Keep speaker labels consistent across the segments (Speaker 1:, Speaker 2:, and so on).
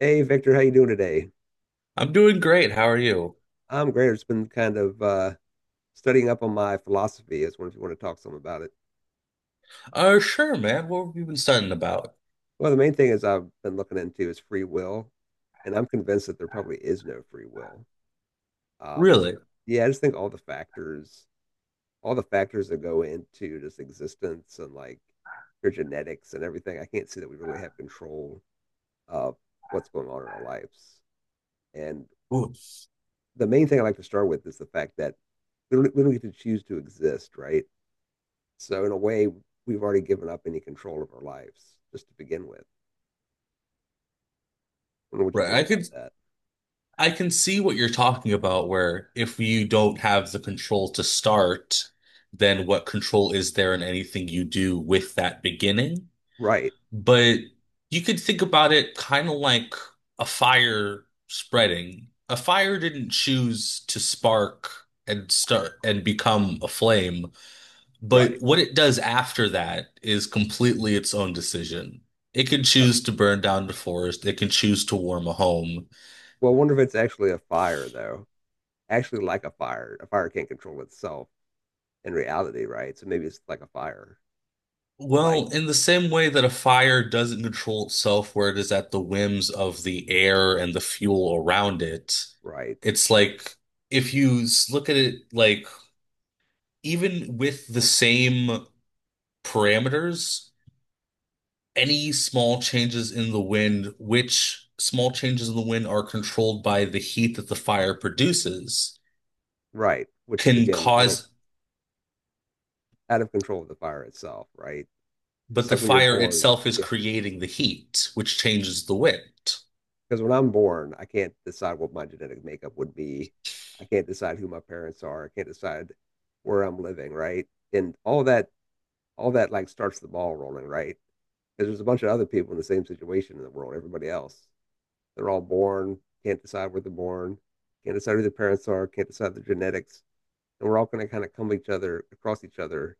Speaker 1: Hey Victor, how you doing today?
Speaker 2: I'm doing great. How are you?
Speaker 1: I'm great. I've just been kind of studying up on my philosophy. As was if you want to talk some about it.
Speaker 2: Sure, man. What have you been studying about?
Speaker 1: Well, the main thing is I've been looking into is free will, and I'm convinced that there probably is no free will. Um,
Speaker 2: Really?
Speaker 1: yeah, I just think all the factors that go into just existence and like your genetics and everything, I can't see that we really have control of what's going on in our lives. And
Speaker 2: Ooh.
Speaker 1: the main thing I like to start with is the fact that we don't get to choose to exist, right? So in a way, we've already given up any control of our lives just to begin with. I wonder what you
Speaker 2: Right.
Speaker 1: think
Speaker 2: I
Speaker 1: about
Speaker 2: could
Speaker 1: that.
Speaker 2: I can see what you're talking about where if you don't have the control to start, then what control is there in anything you do with that beginning?
Speaker 1: Right,
Speaker 2: But you could think about it kind of like a fire spreading. A fire didn't choose to spark and start and become a flame. But
Speaker 1: right.
Speaker 2: what it does after that is completely its own decision. It can
Speaker 1: Uh,
Speaker 2: choose to burn down the forest, it can choose to warm a home.
Speaker 1: well, I wonder if it's actually a fire though. Actually, like a fire can't control itself in reality, right? So maybe it's like a fire, like
Speaker 2: Well, in the same way that a fire doesn't control itself, where it is at the whims of the air and the fuel around it,
Speaker 1: right,
Speaker 2: it's like if you look at it like even with the same parameters, any small changes in the wind, which small changes in the wind are controlled by the heat that the fire produces
Speaker 1: right, which is
Speaker 2: can
Speaker 1: again
Speaker 2: cause,
Speaker 1: out of control of the fire itself, right?
Speaker 2: but
Speaker 1: Just
Speaker 2: the
Speaker 1: like when you're
Speaker 2: fire
Speaker 1: born,
Speaker 2: itself is
Speaker 1: because
Speaker 2: creating the heat, which changes the wind.
Speaker 1: when I'm born, I can't decide what my genetic makeup would be. I can't decide who my parents are. I can't decide where I'm living, right? And all that like starts the ball rolling, right? Because there's a bunch of other people in the same situation in the world. Everybody else, they're all born, can't decide where they're born, can't decide who their parents are, can't decide their genetics, and we're all going to kind of come each other across each other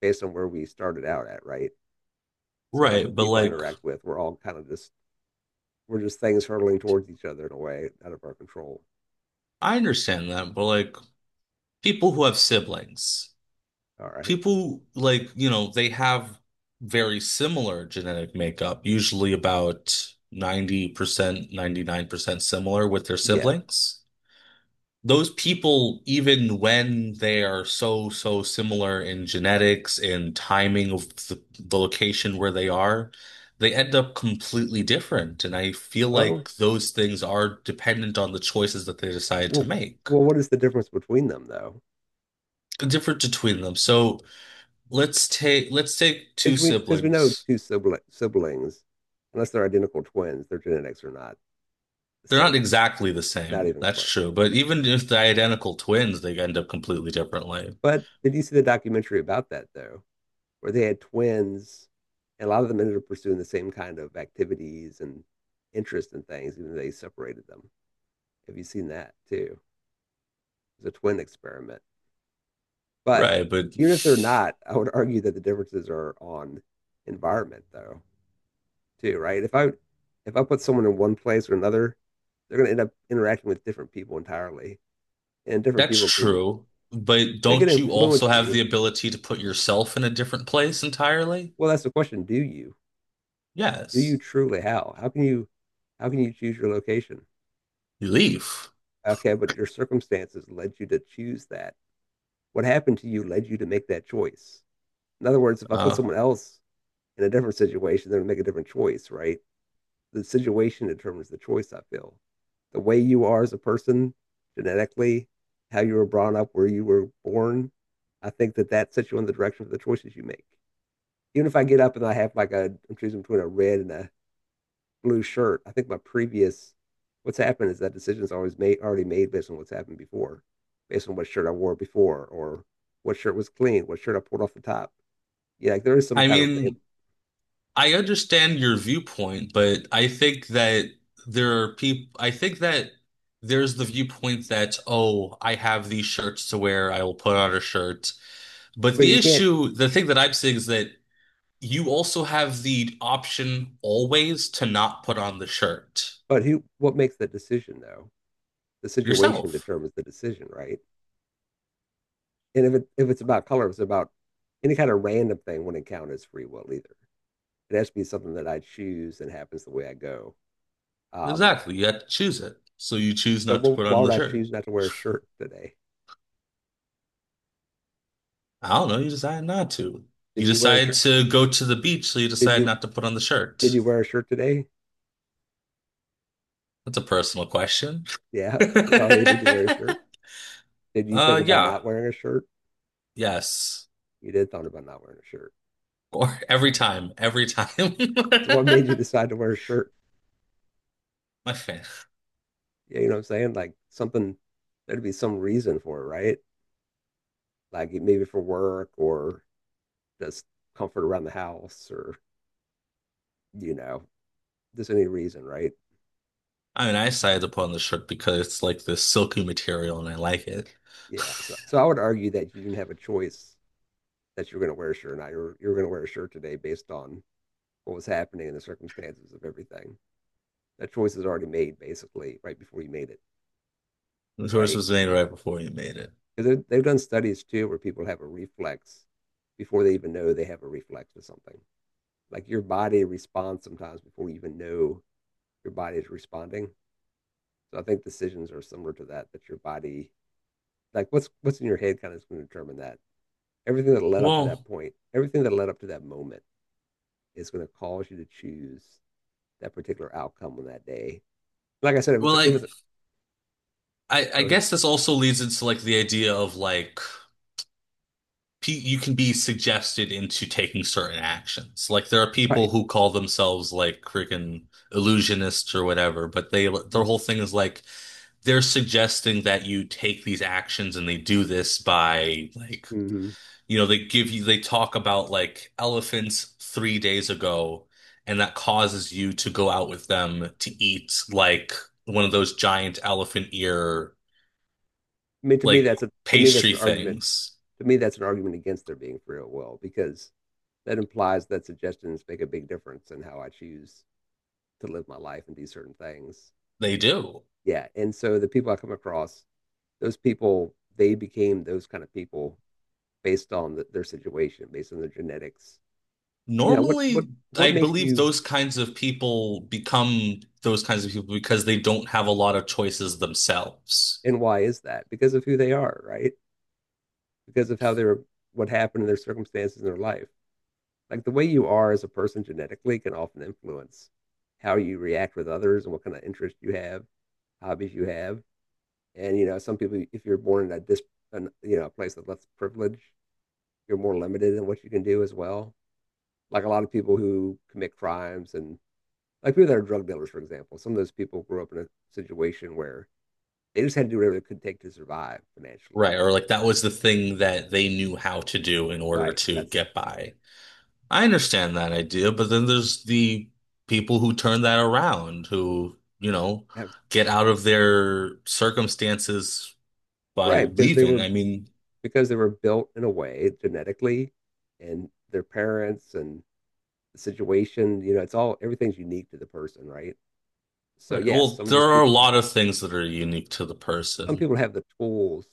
Speaker 1: based on where we started out at, right? So like the
Speaker 2: Right, but
Speaker 1: people I
Speaker 2: like
Speaker 1: interact with, we're all kind of just we're just things hurtling towards each other in a way out of our control.
Speaker 2: I understand that, but like people who have siblings,
Speaker 1: All right,
Speaker 2: people like, they have very similar genetic makeup, usually about 90%, 99% similar with their
Speaker 1: yeah.
Speaker 2: siblings. Those people, even when they are so, so similar in genetics and timing of the location where they are, they end up completely different. And I feel
Speaker 1: Oh,
Speaker 2: like those things are dependent on the choices that they decide to
Speaker 1: well,
Speaker 2: make,
Speaker 1: well, what is the difference between them though?
Speaker 2: different between them. So let's take two
Speaker 1: Because we know
Speaker 2: siblings.
Speaker 1: two siblings, unless they're identical twins, their genetics are not the
Speaker 2: They're
Speaker 1: same,
Speaker 2: not exactly the
Speaker 1: not
Speaker 2: same.
Speaker 1: even
Speaker 2: That's
Speaker 1: close.
Speaker 2: true. But
Speaker 1: Yeah.
Speaker 2: even if they're identical twins, they end up completely differently.
Speaker 1: But did you see the documentary about that though, where they had twins, and a lot of them ended up pursuing the same kind of activities and interest in things, even though they separated them. Have you seen that too? It's a twin experiment. But
Speaker 2: Right, but
Speaker 1: even if they're not, I would argue that the differences are on environment though. Too, right? If I put someone in one place or another, they're going to end up interacting with different people entirely, and different
Speaker 2: that's
Speaker 1: people can
Speaker 2: true, but
Speaker 1: they can
Speaker 2: don't you also
Speaker 1: influence
Speaker 2: have
Speaker 1: you.
Speaker 2: the ability to put yourself in a different place entirely?
Speaker 1: Well, that's the question. Do you? Do you
Speaker 2: Yes.
Speaker 1: truly? How? How can you? How can you choose your location?
Speaker 2: You leave.
Speaker 1: Okay, but your circumstances led you to choose that. What happened to you led you to make that choice. In other words, if I put
Speaker 2: Uh,
Speaker 1: someone else in a different situation, they're going to make a different choice, right? The situation determines the choice, I feel. The way you are as a person genetically, how you were brought up, where you were born, I think that that sets you in the direction of the choices you make. Even if I get up and I have like a, I'm choosing between a red and a blue shirt, I think my previous, what's happened is that decision's already made based on what's happened before, based on what shirt I wore before, or what shirt was clean, what shirt I pulled off the top. Yeah, like there is some
Speaker 2: I
Speaker 1: kind of,
Speaker 2: mean, I understand your viewpoint, but I think that there are people, I think that there's the viewpoint that, oh, I have these shirts to wear, I will put on a shirt. But
Speaker 1: because
Speaker 2: the
Speaker 1: you can't,
Speaker 2: issue, the thing that I'm saying is that you also have the option always to not put on the shirt
Speaker 1: but who, what makes the decision though? The situation
Speaker 2: yourself.
Speaker 1: determines the decision, right? And if it's about color, if it's about any kind of random thing wouldn't count as free will either. It has to be something that I choose and happens the way I go. Um,
Speaker 2: Exactly. You had to choose it. So you choose
Speaker 1: so
Speaker 2: not to put
Speaker 1: wh- why
Speaker 2: on the
Speaker 1: would I
Speaker 2: shirt.
Speaker 1: choose not to wear a shirt today?
Speaker 2: I don't know. You decide not to.
Speaker 1: Did
Speaker 2: You
Speaker 1: you wear a
Speaker 2: decide
Speaker 1: shirt?
Speaker 2: to go to the beach, so you
Speaker 1: Did
Speaker 2: decide
Speaker 1: you
Speaker 2: not to put on the
Speaker 1: did
Speaker 2: shirt.
Speaker 1: you wear a shirt today?
Speaker 2: That's a personal question.
Speaker 1: Yeah. Well, hey, did you wear a shirt? Did you think about
Speaker 2: Yeah.
Speaker 1: not wearing a shirt?
Speaker 2: Yes.
Speaker 1: You did thought about not wearing a shirt.
Speaker 2: Or every time. Every time.
Speaker 1: So what made you decide to wear a shirt?
Speaker 2: My fan.
Speaker 1: Yeah, you know what I'm saying? Like something there'd be some reason for it, right? Like maybe for work or does comfort around the house or, you know, there's any reason, right?
Speaker 2: I mean, I decided to put on the shirt because it's like this silky material and I like it.
Speaker 1: Yeah. So, so I would argue that you didn't have a choice that you're going to wear a shirt or not. You're going to wear a shirt today based on what was happening and the circumstances of everything. That choice is already made basically right before you made it,
Speaker 2: The choice
Speaker 1: right?
Speaker 2: was made right before you made it.
Speaker 1: Because they've done studies too where people have a reflex before they even know they have a reflex to something. Like your body responds sometimes before you even know your body is responding. So I think decisions are similar to that, that your body like what's in your head kind of is going to determine that everything that led up to that
Speaker 2: Well,
Speaker 1: point everything that led up to that moment is going to cause you to choose that particular outcome on that day like I said if it's
Speaker 2: well,
Speaker 1: a, it
Speaker 2: like
Speaker 1: was a,
Speaker 2: I
Speaker 1: go ahead.
Speaker 2: guess this also leads into like the idea of like you can be suggested into taking certain actions. Like there are
Speaker 1: Right,
Speaker 2: people who call themselves like freaking illusionists or whatever, but they
Speaker 1: mm-hmm.
Speaker 2: their whole thing is like they're suggesting that you take these actions and they do this by like
Speaker 1: Mm-hmm.
Speaker 2: they give you they talk about like elephants 3 days ago and that causes you to go out with them to eat like one of those giant elephant ear
Speaker 1: I mean to me
Speaker 2: like
Speaker 1: that's a to me that's
Speaker 2: pastry
Speaker 1: an argument
Speaker 2: things.
Speaker 1: To me that's an argument against there being free will because that implies that suggestions make a big difference in how I choose to live my life and do certain things.
Speaker 2: They do.
Speaker 1: Yeah, and so the people I come across those people they became those kind of people based on the, their situation, based on their genetics. You know, what what
Speaker 2: Normally,
Speaker 1: what
Speaker 2: I
Speaker 1: makes
Speaker 2: believe
Speaker 1: you
Speaker 2: those kinds of people become those kinds of people because they don't have a lot of choices themselves.
Speaker 1: and why is that? Because of who they are, right? Because of how they're what happened in their circumstances in their life. Like the way you are as a person genetically can often influence how you react with others and what kind of interest you have, hobbies you have. And you know, some people, if you're born in a dis, an, you know, a place of less privilege, you're more limited in what you can do as well. Like a lot of people who commit crimes and like people that are drug dealers, for example, some of those people grew up in a situation where they just had to do whatever they could take to survive financially,
Speaker 2: Right.
Speaker 1: right?
Speaker 2: Or like that was the thing that they knew how to do in order
Speaker 1: Right.
Speaker 2: to
Speaker 1: That's
Speaker 2: get
Speaker 1: yeah,
Speaker 2: by. I understand that idea, but then there's the people who turn that around, who, get out of their circumstances by
Speaker 1: right
Speaker 2: leaving. I mean,
Speaker 1: because they were built in a way genetically, and their parents and the situation. You know, it's all everything's unique to the person, right? So
Speaker 2: right.
Speaker 1: yes,
Speaker 2: Well,
Speaker 1: some of
Speaker 2: there
Speaker 1: those
Speaker 2: are a
Speaker 1: people have
Speaker 2: lot of things that are unique to the
Speaker 1: some
Speaker 2: person
Speaker 1: people have the tools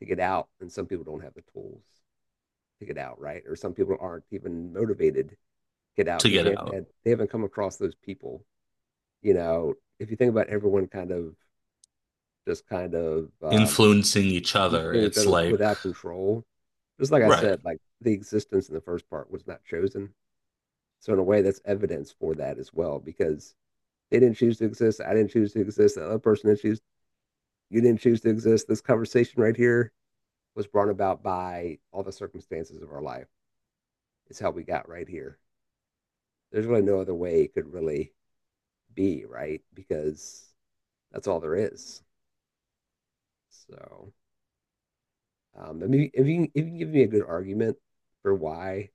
Speaker 1: to get out, and some people don't have the tools to get out, right? Or some people aren't even motivated to get out
Speaker 2: to
Speaker 1: because
Speaker 2: get
Speaker 1: they haven't
Speaker 2: out.
Speaker 1: had they haven't come across those people. You know, if you think about everyone kind of just kind of
Speaker 2: Influencing each
Speaker 1: each
Speaker 2: other.
Speaker 1: doing each
Speaker 2: It's
Speaker 1: other
Speaker 2: like,
Speaker 1: without control, just like I
Speaker 2: right.
Speaker 1: said, like the existence in the first part was not chosen. So in a way, that's evidence for that as well, because they didn't choose to exist. I didn't choose to exist. The other person didn't choose. You didn't choose to exist. This conversation right here was brought about by all the circumstances of our life. It's how we got right here. There's really no other way it could really be, right? Because that's all there is. So. I mean, if you can give me a good argument for why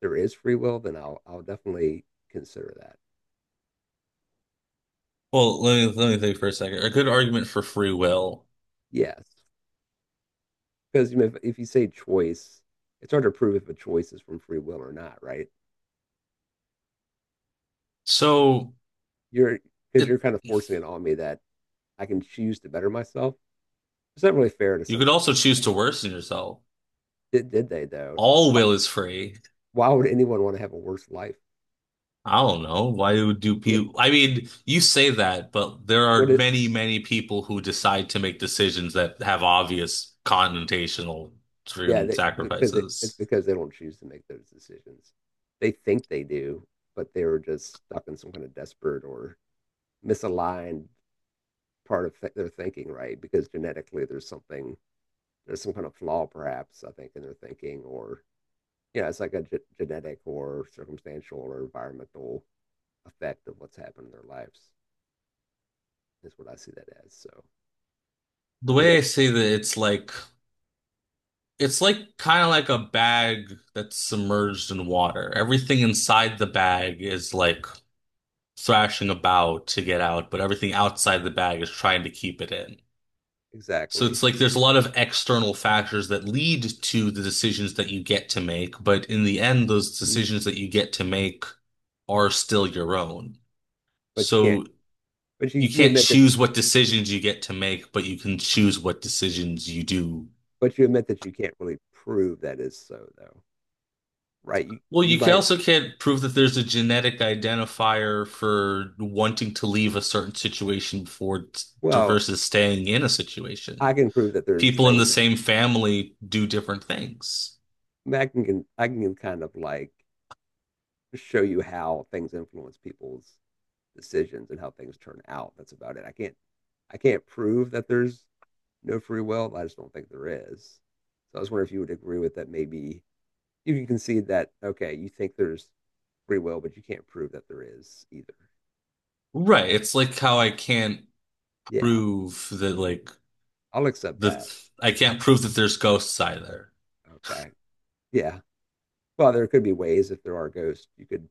Speaker 1: there is free will, then I'll definitely consider that.
Speaker 2: Well, let me think for a second. A good argument for free will.
Speaker 1: Yes, because you know, if you say choice, it's hard to prove if a choice is from free will or not, right?
Speaker 2: So
Speaker 1: You're because
Speaker 2: it
Speaker 1: you're kind of forcing it on me that I can choose to better myself. It's not really fair to
Speaker 2: you
Speaker 1: some
Speaker 2: could
Speaker 1: people,
Speaker 2: also choose to
Speaker 1: right?
Speaker 2: worsen yourself.
Speaker 1: Did they though?
Speaker 2: All will is free.
Speaker 1: Why would anyone want to have a worse life?
Speaker 2: I don't know. Why do
Speaker 1: Yeah.
Speaker 2: people I mean, you say that, but there
Speaker 1: What
Speaker 2: are
Speaker 1: is
Speaker 2: many, many people who decide to make decisions that have obvious connotational
Speaker 1: Yeah,
Speaker 2: driven
Speaker 1: they, because it's
Speaker 2: sacrifices.
Speaker 1: because they don't choose to make those decisions. They think they do, but they were just stuck in some kind of desperate or misaligned part of their thinking, right? Because genetically, there's something, there's some kind of flaw, perhaps I think, in their thinking, or yeah, it's like a genetic or circumstantial or environmental effect of what's happened in their lives. Is what I see that as. So
Speaker 2: The
Speaker 1: I think I,
Speaker 2: way I say that it's like kind of like a bag that's submerged in water. Everything inside the bag is like thrashing about to get out, but everything outside the bag is trying to keep it in. So
Speaker 1: exactly,
Speaker 2: it's like there's a lot of external factors that lead to the decisions that you get to make, but in the end, those
Speaker 1: Mm.
Speaker 2: decisions that you get to make are still your own.
Speaker 1: but you can't,
Speaker 2: So
Speaker 1: but you
Speaker 2: you
Speaker 1: you
Speaker 2: can't
Speaker 1: admit that you,
Speaker 2: choose what decisions you get to make, but you can choose what decisions you do.
Speaker 1: but you admit that you can't really prove that is so, though. Right? You,
Speaker 2: Well,
Speaker 1: you
Speaker 2: you can
Speaker 1: might,
Speaker 2: also can't prove that there's a genetic identifier for wanting to leave a certain situation for
Speaker 1: well,
Speaker 2: versus staying in a
Speaker 1: I
Speaker 2: situation.
Speaker 1: can prove that there's
Speaker 2: People in the
Speaker 1: things that
Speaker 2: same
Speaker 1: I,
Speaker 2: family do different things.
Speaker 1: can, I can kind of like show you how things influence people's decisions and how things turn out. That's about it. I can't prove that there's no free will. I just don't think there is. So I was wondering if you would agree with that. Maybe you can concede that, okay, you think there's free will, but you can't prove that there is either.
Speaker 2: Right. It's like how I can't
Speaker 1: Yeah,
Speaker 2: prove that like
Speaker 1: I'll accept
Speaker 2: the
Speaker 1: that.
Speaker 2: I can't prove that there's ghosts either.
Speaker 1: Okay. Yeah. Well, there could be ways if there are ghosts, you could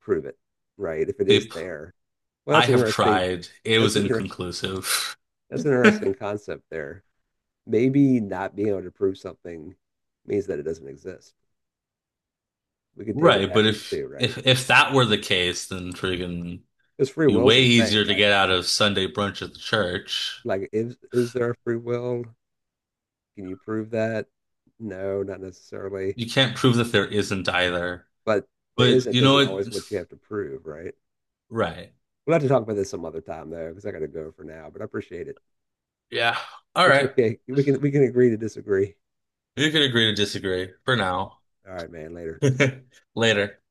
Speaker 1: prove it, right? If it is
Speaker 2: Peep,
Speaker 1: there. Well,
Speaker 2: I
Speaker 1: that's
Speaker 2: have
Speaker 1: interesting.
Speaker 2: tried. It
Speaker 1: That's
Speaker 2: was
Speaker 1: an interesting.
Speaker 2: inconclusive.
Speaker 1: That's an interesting concept there. Maybe not being able to prove something means that it doesn't exist. We can take it
Speaker 2: Right,
Speaker 1: that
Speaker 2: but
Speaker 1: way
Speaker 2: if
Speaker 1: too, right?
Speaker 2: that were the case, then friggin'
Speaker 1: Because free
Speaker 2: be
Speaker 1: will's
Speaker 2: way
Speaker 1: a thing.
Speaker 2: easier to get out of Sunday brunch at the church.
Speaker 1: Like is there a free will? Can you prove that? No, not necessarily.
Speaker 2: You can't prove that there isn't either.
Speaker 1: But the
Speaker 2: But you know
Speaker 1: isn't
Speaker 2: what?
Speaker 1: always what you have to prove, right?
Speaker 2: Right.
Speaker 1: We'll have to talk about this some other time though, because I got to go for now. But I appreciate it.
Speaker 2: Yeah. All
Speaker 1: It's
Speaker 2: right.
Speaker 1: okay. We can agree to disagree.
Speaker 2: You can agree to disagree for now.
Speaker 1: All right, man. Later.
Speaker 2: Later.